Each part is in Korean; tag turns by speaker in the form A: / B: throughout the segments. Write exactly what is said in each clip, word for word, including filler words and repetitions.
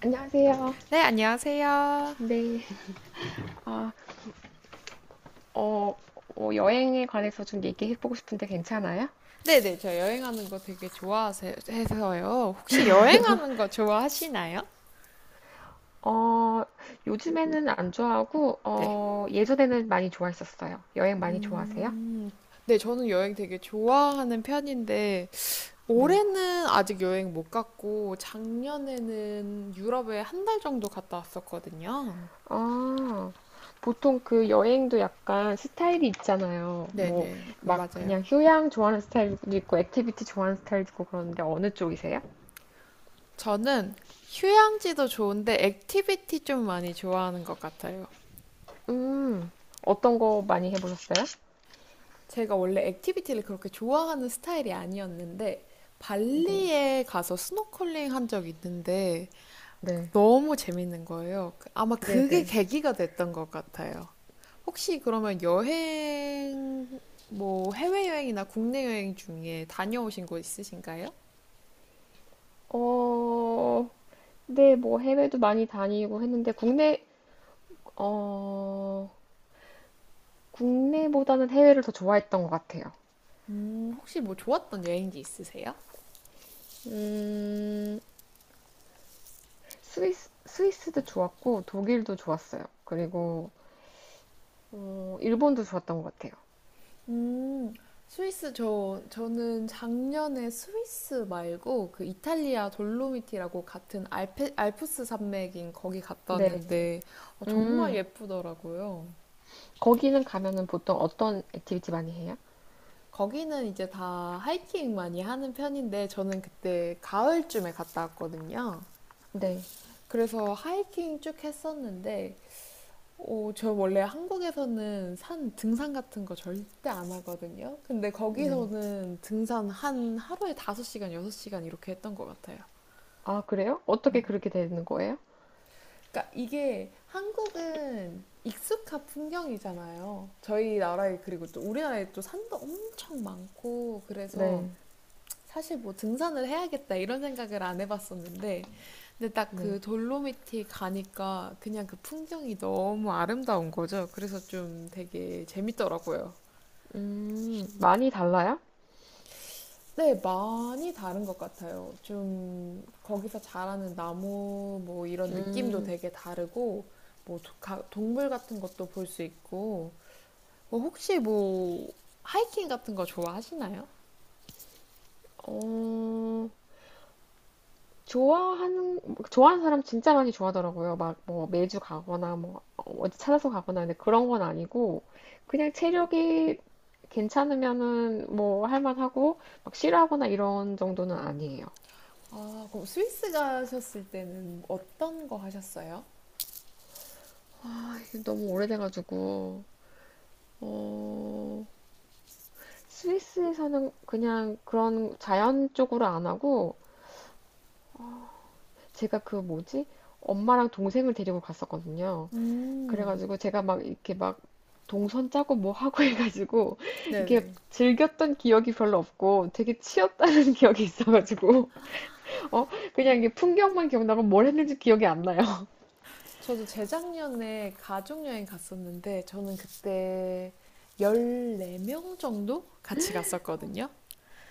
A: 안녕하세요.
B: 네, 안녕하세요.
A: 네. 아, 어, 어, 여행에 관해서 좀 얘기해보고 싶은데 괜찮아요?
B: 네네, 저 여행하는 거 되게 좋아해서요. 혹시 여행하는 거 좋아하시나요?
A: 어, 요즘에는 안 좋아하고,
B: 네.
A: 어, 예전에는 많이 좋아했었어요. 여행 많이 좋아하세요?
B: 음, 네, 저는 여행 되게 좋아하는 편인데,
A: 네.
B: 올해는 아직 여행 못 갔고, 작년에는 유럽에 한 달 정도 갔다 왔었거든요.
A: 아, 보통 그 여행도 약간 스타일이 있잖아요. 뭐,
B: 네네, 그
A: 막 그냥
B: 맞아요.
A: 휴양 좋아하는 스타일도 있고, 액티비티 좋아하는 스타일도 있고 그러는데 어느 쪽이세요?
B: 저는 휴양지도 좋은데, 액티비티 좀 많이 좋아하는 것 같아요.
A: 음, 어떤 거 많이 해보셨어요?
B: 제가 원래 액티비티를 그렇게 좋아하는 스타일이 아니었는데
A: 네.
B: 발리에 가서 스노클링 한 적이 있는데
A: 네.
B: 너무 재밌는 거예요. 아마 그게
A: 네네.
B: 계기가 됐던 것 같아요. 혹시 그러면 여행, 뭐 해외여행이나 국내 여행 중에 다녀오신 곳 있으신가요?
A: 어, 네, 뭐 해외도 많이 다니고 했는데 국내 어 국내보다는 해외를 더 좋아했던 것 같아요.
B: 음, 혹시 뭐 좋았던 여행지 있으세요?
A: 음 스위스 스위스도 좋았고 독일도 좋았어요. 그리고 어, 일본도 좋았던 것 같아요.
B: 음, 스위스 저 저는 작년에 스위스 말고 그 이탈리아 돌로미티라고 같은 알페, 알프스 산맥인 거기 갔다
A: 네,
B: 왔는데 어, 정말
A: 음
B: 예쁘더라고요.
A: 거기는 가면은 보통 어떤 액티비티 많이 해요?
B: 거기는 이제 다 하이킹 많이 하는 편인데 저는 그때 가을쯤에 갔다 왔거든요.
A: 네,
B: 그래서 하이킹 쭉 했었는데 어, 저 원래 한국에서는 산 등산 같은 거 절대 안 하거든요. 근데
A: 네.
B: 거기서는 등산 한 하루에 다섯 시간 여섯 시간 이렇게 했던 것 같아요.
A: 아 그래요? 어떻게 그렇게 되는 거예요?
B: 그러니까 이게 한국은 익숙한 풍경이잖아요. 저희 나라에. 그리고 또 우리나라에 또 산도 엄청 많고 그래서
A: 네,
B: 사실 뭐 등산을 해야겠다 이런 생각을 안 해봤었는데 근데 딱
A: 네.
B: 그 돌로미티 가니까 그냥 그 풍경이 너무 아름다운 거죠. 그래서 좀 되게 재밌더라고요.
A: 음 많이 달라요?
B: 네, 많이 다른 것 같아요. 좀 거기서 자라는 나무 뭐 이런 느낌도
A: 음,
B: 되게 다르고 뭐 도- 가- 동물 같은 것도 볼 수 있고 뭐 혹시 뭐 하이킹 같은 거 좋아하시나요?
A: 어. 좋아하는 좋아하는 사람 진짜 많이 좋아하더라고요. 막 뭐 매주 가거나 뭐 어디 찾아서 가거나 근데 그런 건 아니고 그냥 체력이 괜찮으면은 뭐 할만하고 막 싫어하거나 이런 정도는 아니에요.
B: 아, 그럼 스위스 가셨을 때는 어떤 거 하셨어요?
A: 아, 이게 너무 오래돼가지고 어, 스위스에서는 그냥 그런 자연 쪽으로 안 하고 제가 그 뭐지 엄마랑 동생을 데리고 갔었거든요.
B: 음,
A: 그래가지고 제가 막 이렇게 막 동선 짜고 뭐 하고 해가지고 이게
B: 네네.
A: 즐겼던 기억이 별로 없고 되게 치였다는 기억이 있어가지고 어 그냥 이게 풍경만 기억나고 뭘 했는지 기억이 안 나요.
B: 저도 재작년에 가족여행 갔었는데 저는 그때 열네 명 정도 같이 갔었거든요.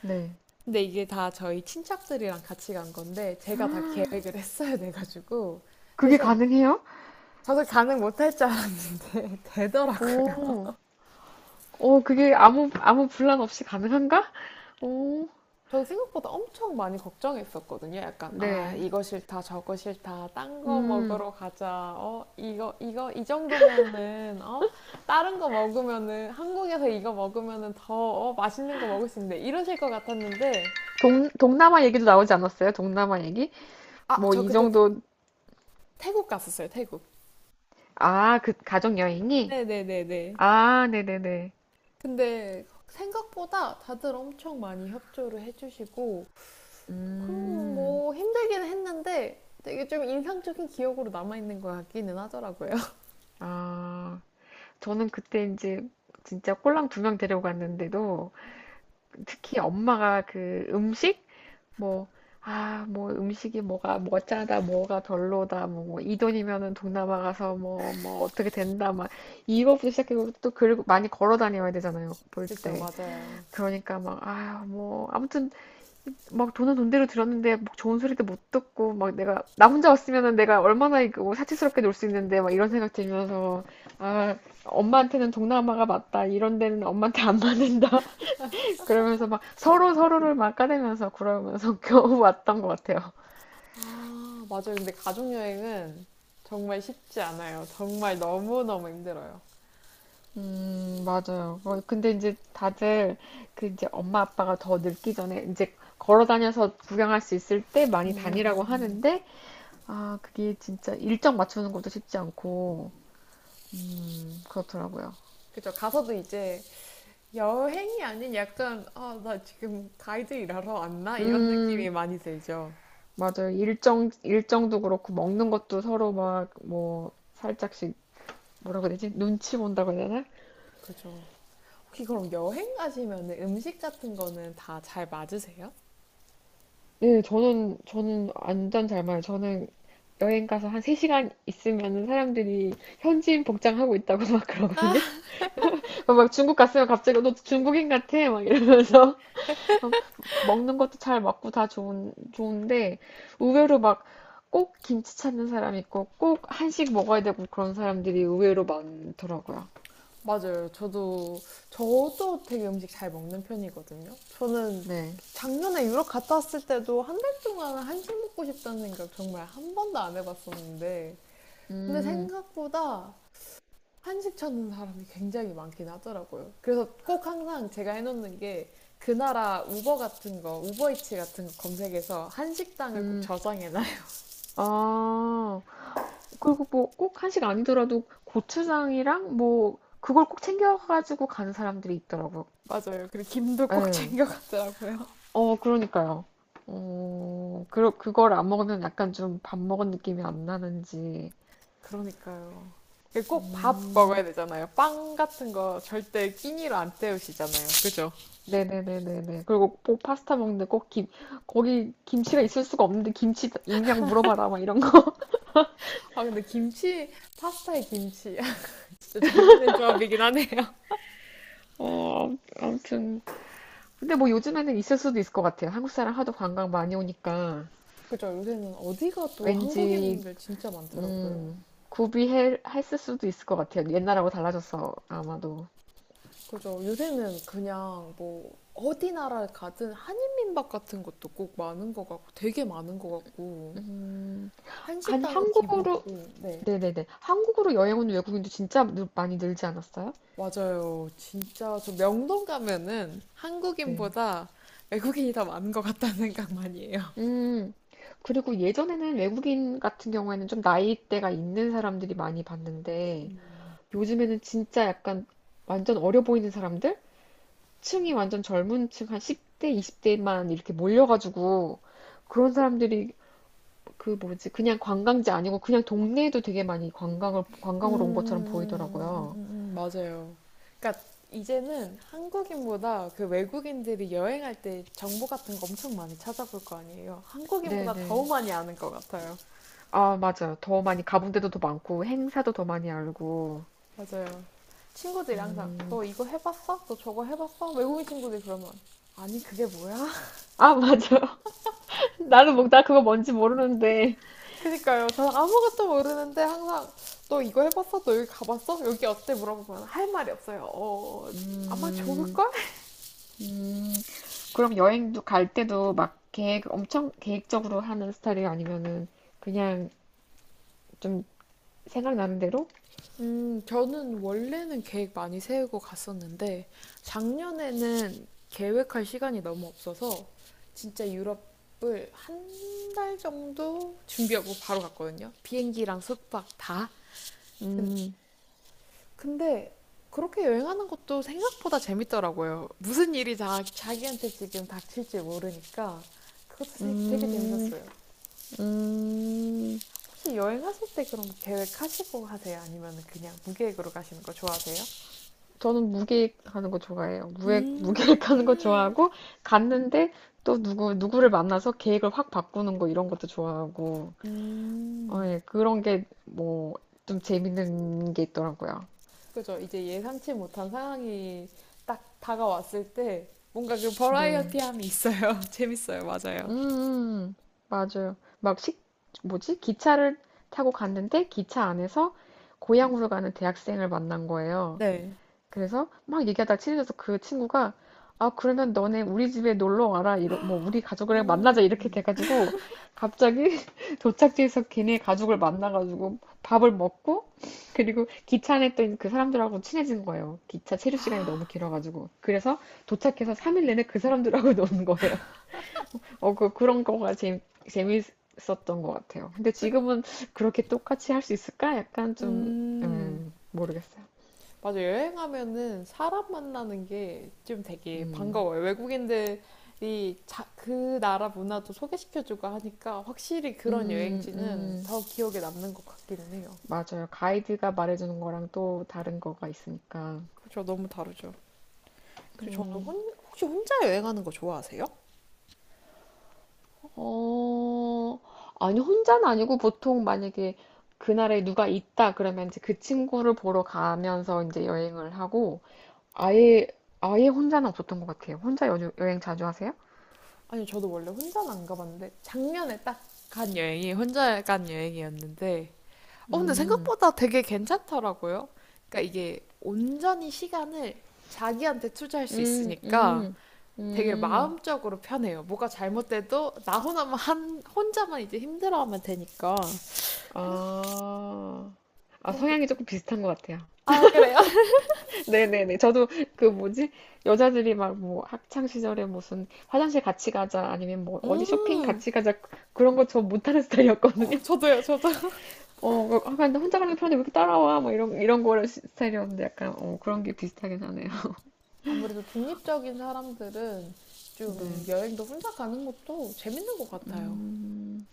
A: 네.
B: 근데 이게 다 저희 친척들이랑 같이 간 건데 제가 다 계획을 했어야 돼가지고
A: 그게
B: 대신
A: 가능해요?
B: 저도 가능 못할 줄 알았는데 되더라고요.
A: 오, 오, 그게 아무 아무 분란 없이 가능한가? 오,
B: 저도 생각보다 엄청 많이 걱정했었거든요. 약간 아
A: 네.
B: 이거 싫다 저거 싫다 딴 거
A: 음,
B: 먹으러 가자. 어 이거 이거 이 정도면은 어 다른 거 먹으면은 한국에서 이거 먹으면은 더 어, 맛있는 거 먹을 수 있는데 이러실 것 같았는데
A: 동, 동남아 얘기도 나오지 않았어요? 동남아 얘기?
B: 아
A: 뭐
B: 저
A: 이
B: 그때 태-
A: 정도
B: 태국 갔었어요. 태국.
A: 아, 그 가족 여행이?
B: 네네네네.
A: 아, 네네네.
B: 근데 생각보다 다들 엄청 많이 협조를 해주시고, 그럼
A: 음,
B: 뭐 힘들기는 했는데 되게 좀 인상적인 기억으로 남아있는 것 같기는 하더라고요.
A: 아, 저는 그때 이제 진짜 꼴랑 두 명 데려갔는데도 특히 엄마가 그 음식 뭐 아, 뭐 음식이 뭐가 뭐 짜다 뭐가 별로다 뭐, 이 돈이면은 동남아 가서 뭐 뭐 어떻게 된다 막 이거부터 시작해서 또고 많이 걸어 다녀야 되잖아요 볼
B: 그쵸,
A: 때
B: 맞아요.
A: 그러니까 막 아 뭐 아무튼 막 돈은 돈대로 들였는데 막 좋은 소리도 못 듣고 막 내가 나 혼자 왔으면은 내가 얼마나 이거 뭐 사치스럽게 놀 수 있는데 막 이런 생각 들면서 아 엄마한테는 동남아가 맞다 이런 데는 엄마한테 안 맞는다 그러면서 막 서로 서로를 막 까대면서 그러면서 겨우 왔던 것 같아요.
B: 아, 맞아요. 근데 가족여행은 정말 쉽지 않아요. 정말 너무너무 힘들어요.
A: 음 맞아요. 어, 근데 이제 다들 그 이제 엄마 아빠가 더 늙기 전에 이제 걸어 다녀서 구경할 수 있을 때 많이 다니라고 하는데 아 그게 진짜 일정 맞추는 것도 쉽지 않고. 음, 그렇더라고요.
B: 그쵸, 가서도 이제 여행이 아닌 약간, 아, 나 지금 가이드 일하러 왔나? 이런 느낌이
A: 음,
B: 많이 들죠.
A: 맞아요. 일정, 일정도 그렇고, 먹는 것도 서로 막, 뭐, 살짝씩, 뭐라고 해야 되지? 눈치 본다고 해야 되나?
B: 그죠. 혹시 그럼 여행 가시면 음식 같은 거는 다 잘 맞으세요?
A: 네, 저는, 저는 완전 잘 말해요. 저는 여행 가서 한 세 시간 있으면 사람들이 현지인 복장하고 있다고 막 그러거든요. 막 중국 갔으면 갑자기 너 중국인 같아? 막 이러면서. 어, 먹는 것도 잘 먹고 다 좋은, 좋은데, 의외로 막, 꼭 김치 찾는 사람 있고, 꼭 한식 먹어야 되고 그런 사람들이 의외로 많더라고요.
B: 맞아요. 저도 저도 되게 음식 잘 먹는 편이거든요. 저는
A: 네.
B: 작년에 유럽 갔다 왔을 때도 한 달 동안 한식 먹고 싶다는 생각 정말 한 번도 안 해봤었는데 근데
A: 음,
B: 생각보다 한식 찾는 사람이 굉장히 많긴 하더라고요. 그래서 꼭 항상 제가 해놓는 게 그 나라 우버 같은 거, 우버이츠 같은 거 검색해서 한식당을 꼭
A: 음.
B: 저장해놔요.
A: 아, 그리고 뭐, 꼭 한식 아니더라도 고추장이랑 뭐, 그걸 꼭 챙겨가지고 가는 사람들이 있더라고요.
B: 맞아요. 그리고 김도 꼭
A: 네.
B: 챙겨가더라고요.
A: 어, 그러니까요. 어, 그, 그걸 안 먹으면 약간 좀 밥 먹은 느낌이 안 나는지.
B: 그러니까요. 이게 꼭 밥
A: 음.
B: 먹어야 되잖아요. 빵 같은 거 절대 끼니로 안 때우시잖아요. 그죠?
A: 네네네네네. 그리고 꼭 파스타 먹는데 꼭 김, 거기 김치가 있을 수가 없는데 김치 있냐고 물어봐라, 막 이런 거.
B: 아, 근데 김치, 파스타에 김치. 진짜 재밌는 조합이긴 하네요.
A: 어, 아무튼. 근데 뭐 요즘에는 있을 수도 있을 것 같아요. 한국 사람 하도 관광 많이 오니까
B: 그죠? 요새는 어디 가도
A: 왠지,
B: 한국인분들 진짜 많더라고요.
A: 음, 구비했을 수도 있을 것 같아요. 옛날하고 달라져서 아마도.
B: 그죠? 요새는 그냥 뭐, 어디 나라를 가든 한인민박 같은 것도 꼭 많은 것 같고, 되게 많은 것 같고,
A: 음, 아니,
B: 한식당은
A: 한국으로,
B: 기본이고, 네.
A: 네네네. 한국으로 여행 온 외국인도 진짜 늘, 많이 늘지 않았어요?
B: 맞아요. 진짜 저 명동 가면은
A: 네.
B: 한국인보다 외국인이 더 많은 것 같다는 생각 많이 해요.
A: 음, 그리고 예전에는 외국인 같은 경우에는 좀 나이대가 있는 사람들이 많이 봤는데, 요즘에는 진짜 약간 완전 어려 보이는 사람들? 층이 완전 젊은 층, 한 십 대, 이십 대만 이렇게 몰려가지고, 그런 사람들이 그 뭐지, 그냥 관광지 아니고 그냥 동네에도 되게 많이 관광을,
B: 음, 음,
A: 관광으로 온 것처럼
B: 음,
A: 보이더라고요.
B: 음, 음, 맞아요. 그러니까 이제는 한국인보다 그 외국인들이 여행할 때 정보 같은 거 엄청 많이 찾아볼 거 아니에요. 한국인보다 더
A: 네네.
B: 많이 아는 것 같아요.
A: 아, 맞아요. 더 많이 가본 데도 더 많고, 행사도 더 많이 알고.
B: 맞아요. 친구들이 항상
A: 음.
B: 너 이거 해봤어? 너 저거 해봤어? 외국인 친구들이 그러면 아니 그게 뭐야?
A: 아, 맞아. 나는 뭐, 나 그거 뭔지 모르는데.
B: 그니까요. 저는 아무것도 모르는데 항상 너 이거 해봤어? 너 여기 가봤어? 여기 어때? 물어보면 할 말이 없어요. 어, 아마
A: 음,
B: 좋을걸?
A: 음. 그럼 여행도 갈 때도 막 계획 엄청 계획적으로 하는 스타일이 아니면은 그냥 좀 생각나는 대로?
B: 음, 저는 원래는 계획 많이 세우고 갔었는데, 작년에는 계획할 시간이 너무 없어서, 진짜 유럽을 한 달 정도 준비하고 바로 갔거든요. 비행기랑 숙박 다.
A: 음,
B: 근데 그렇게 여행하는 것도 생각보다 재밌더라고요. 무슨 일이 자, 자기한테 지금 닥칠지 모르니까 그것도 되게, 되게
A: 음,
B: 재밌었어요.
A: 음.
B: 혹시 여행하실 때 그럼 계획하시고 하세요? 아니면 그냥 무계획으로 가시는 거 좋아하세요?
A: 저는 무계획하는 거 좋아해요. 무획,
B: 음,
A: 무계획하는 거 좋아하고 갔는데 또 누구 누구를 만나서 계획을 확 바꾸는 거 이런 것도 좋아하고 어,
B: 음,
A: 예, 그런 게 뭐 좀 재밌는 게 있더라고요.
B: 그죠. 이제 예상치 못한 상황이 딱 다가왔을 때 뭔가 그
A: 네.
B: 버라이어티함이 있어요. 재밌어요. 맞아요.
A: 음, 음. 맞아요. 막 식, 뭐지? 기차를 타고 갔는데 기차 안에서 고향으로 가는 대학생을 만난 거예요.
B: 네.
A: 그래서 막 얘기하다 친해져서 그 친구가 아, 그러면 너네 우리 집에 놀러 와라. 이러, 뭐, 우리 가족을
B: 음,
A: 만나자. 이렇게 돼가지고 갑자기 도착지에서 걔네 가족을 만나가지고 밥을 먹고 그리고 기차 안에 있던 그 사람들하고 친해진 거예요. 기차 체류 시간이 너무 길어가지고. 그래서 도착해서 삼 일 내내 그 사람들하고 노는 거예요. 어, 그, 그런 거가 재, 재밌었던 것 같아요. 근데
B: 끝.
A: 지금은 그렇게 똑같이 할 수 있을까? 약간 좀,
B: 음.
A: 음, 모르겠어요.
B: 맞아, 여행하면은 사람 만나는 게 좀 되게
A: 음,
B: 반가워요. 외국인들이 자, 그 나라 문화도 소개시켜주고 하니까 확실히 그런
A: 음,
B: 여행지는
A: 음,
B: 더 기억에 남는 것 같기는 해요.
A: 맞아요. 가이드가 말해주는 거랑 또 다른 거가 있으니까.
B: 그렇죠, 너무 다르죠. 그리고 저는
A: 음,
B: 혼, 혹시 혼자 여행하는 거 좋아하세요?
A: 어, 아니, 혼자는 아니고 보통 만약에 그날에 누가 있다 그러면 이제 그 친구를 보러 가면서 이제 여행을 하고 아예, 아예 혼자는 없었던 것 같아요. 혼자 여, 여행 자주 하세요?
B: 아니, 저도 원래 혼자는 안 가봤는데 작년에 딱 간 여행이 혼자 간 여행이었는데, 어, 근데
A: 음.
B: 생각보다 되게 괜찮더라고요. 그러니까 이게 온전히 시간을 자기한테 투자할 수
A: 음,
B: 있으니까.
A: 음,
B: 되게
A: 음.
B: 마음적으로 편해요. 뭐가 잘못돼도 나 혼자만 한 혼자만 이제 힘들어하면 되니까 생각
A: 아, 아,
B: 그런 게.
A: 성향이 조금 비슷한 것 같아요.
B: 아 그래요?
A: 네네네. 저도 그 뭐지? 여자들이 막 뭐 학창 시절에 무슨 화장실 같이 가자 아니면 뭐 어디 쇼핑
B: 음,
A: 같이 가자 그런 거 저 못하는
B: 어,
A: 스타일이었거든요.
B: 저도요, 저도.
A: 어, 막, 아, 근데 혼자 가는 게 편한데 왜 이렇게 따라와? 뭐 이런, 이런 거를 시- 스타일이었는데 약간 어, 그런 게 비슷하긴 하네요.
B: 아무래도 독립적인 사람들은 좀
A: 네.
B: 여행도 혼자 가는 것도 재밌는 것 같아요.
A: 음,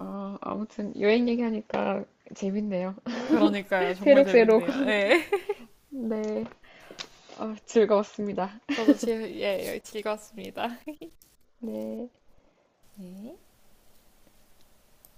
A: 아, 아무튼 여행 얘기하니까 재밌네요.
B: 그러니까요. 정말
A: 새록새록
B: 재밌네요. 네.
A: 아, 즐거웠습니다.
B: 저도 지, 예, 즐거웠습니다. 네.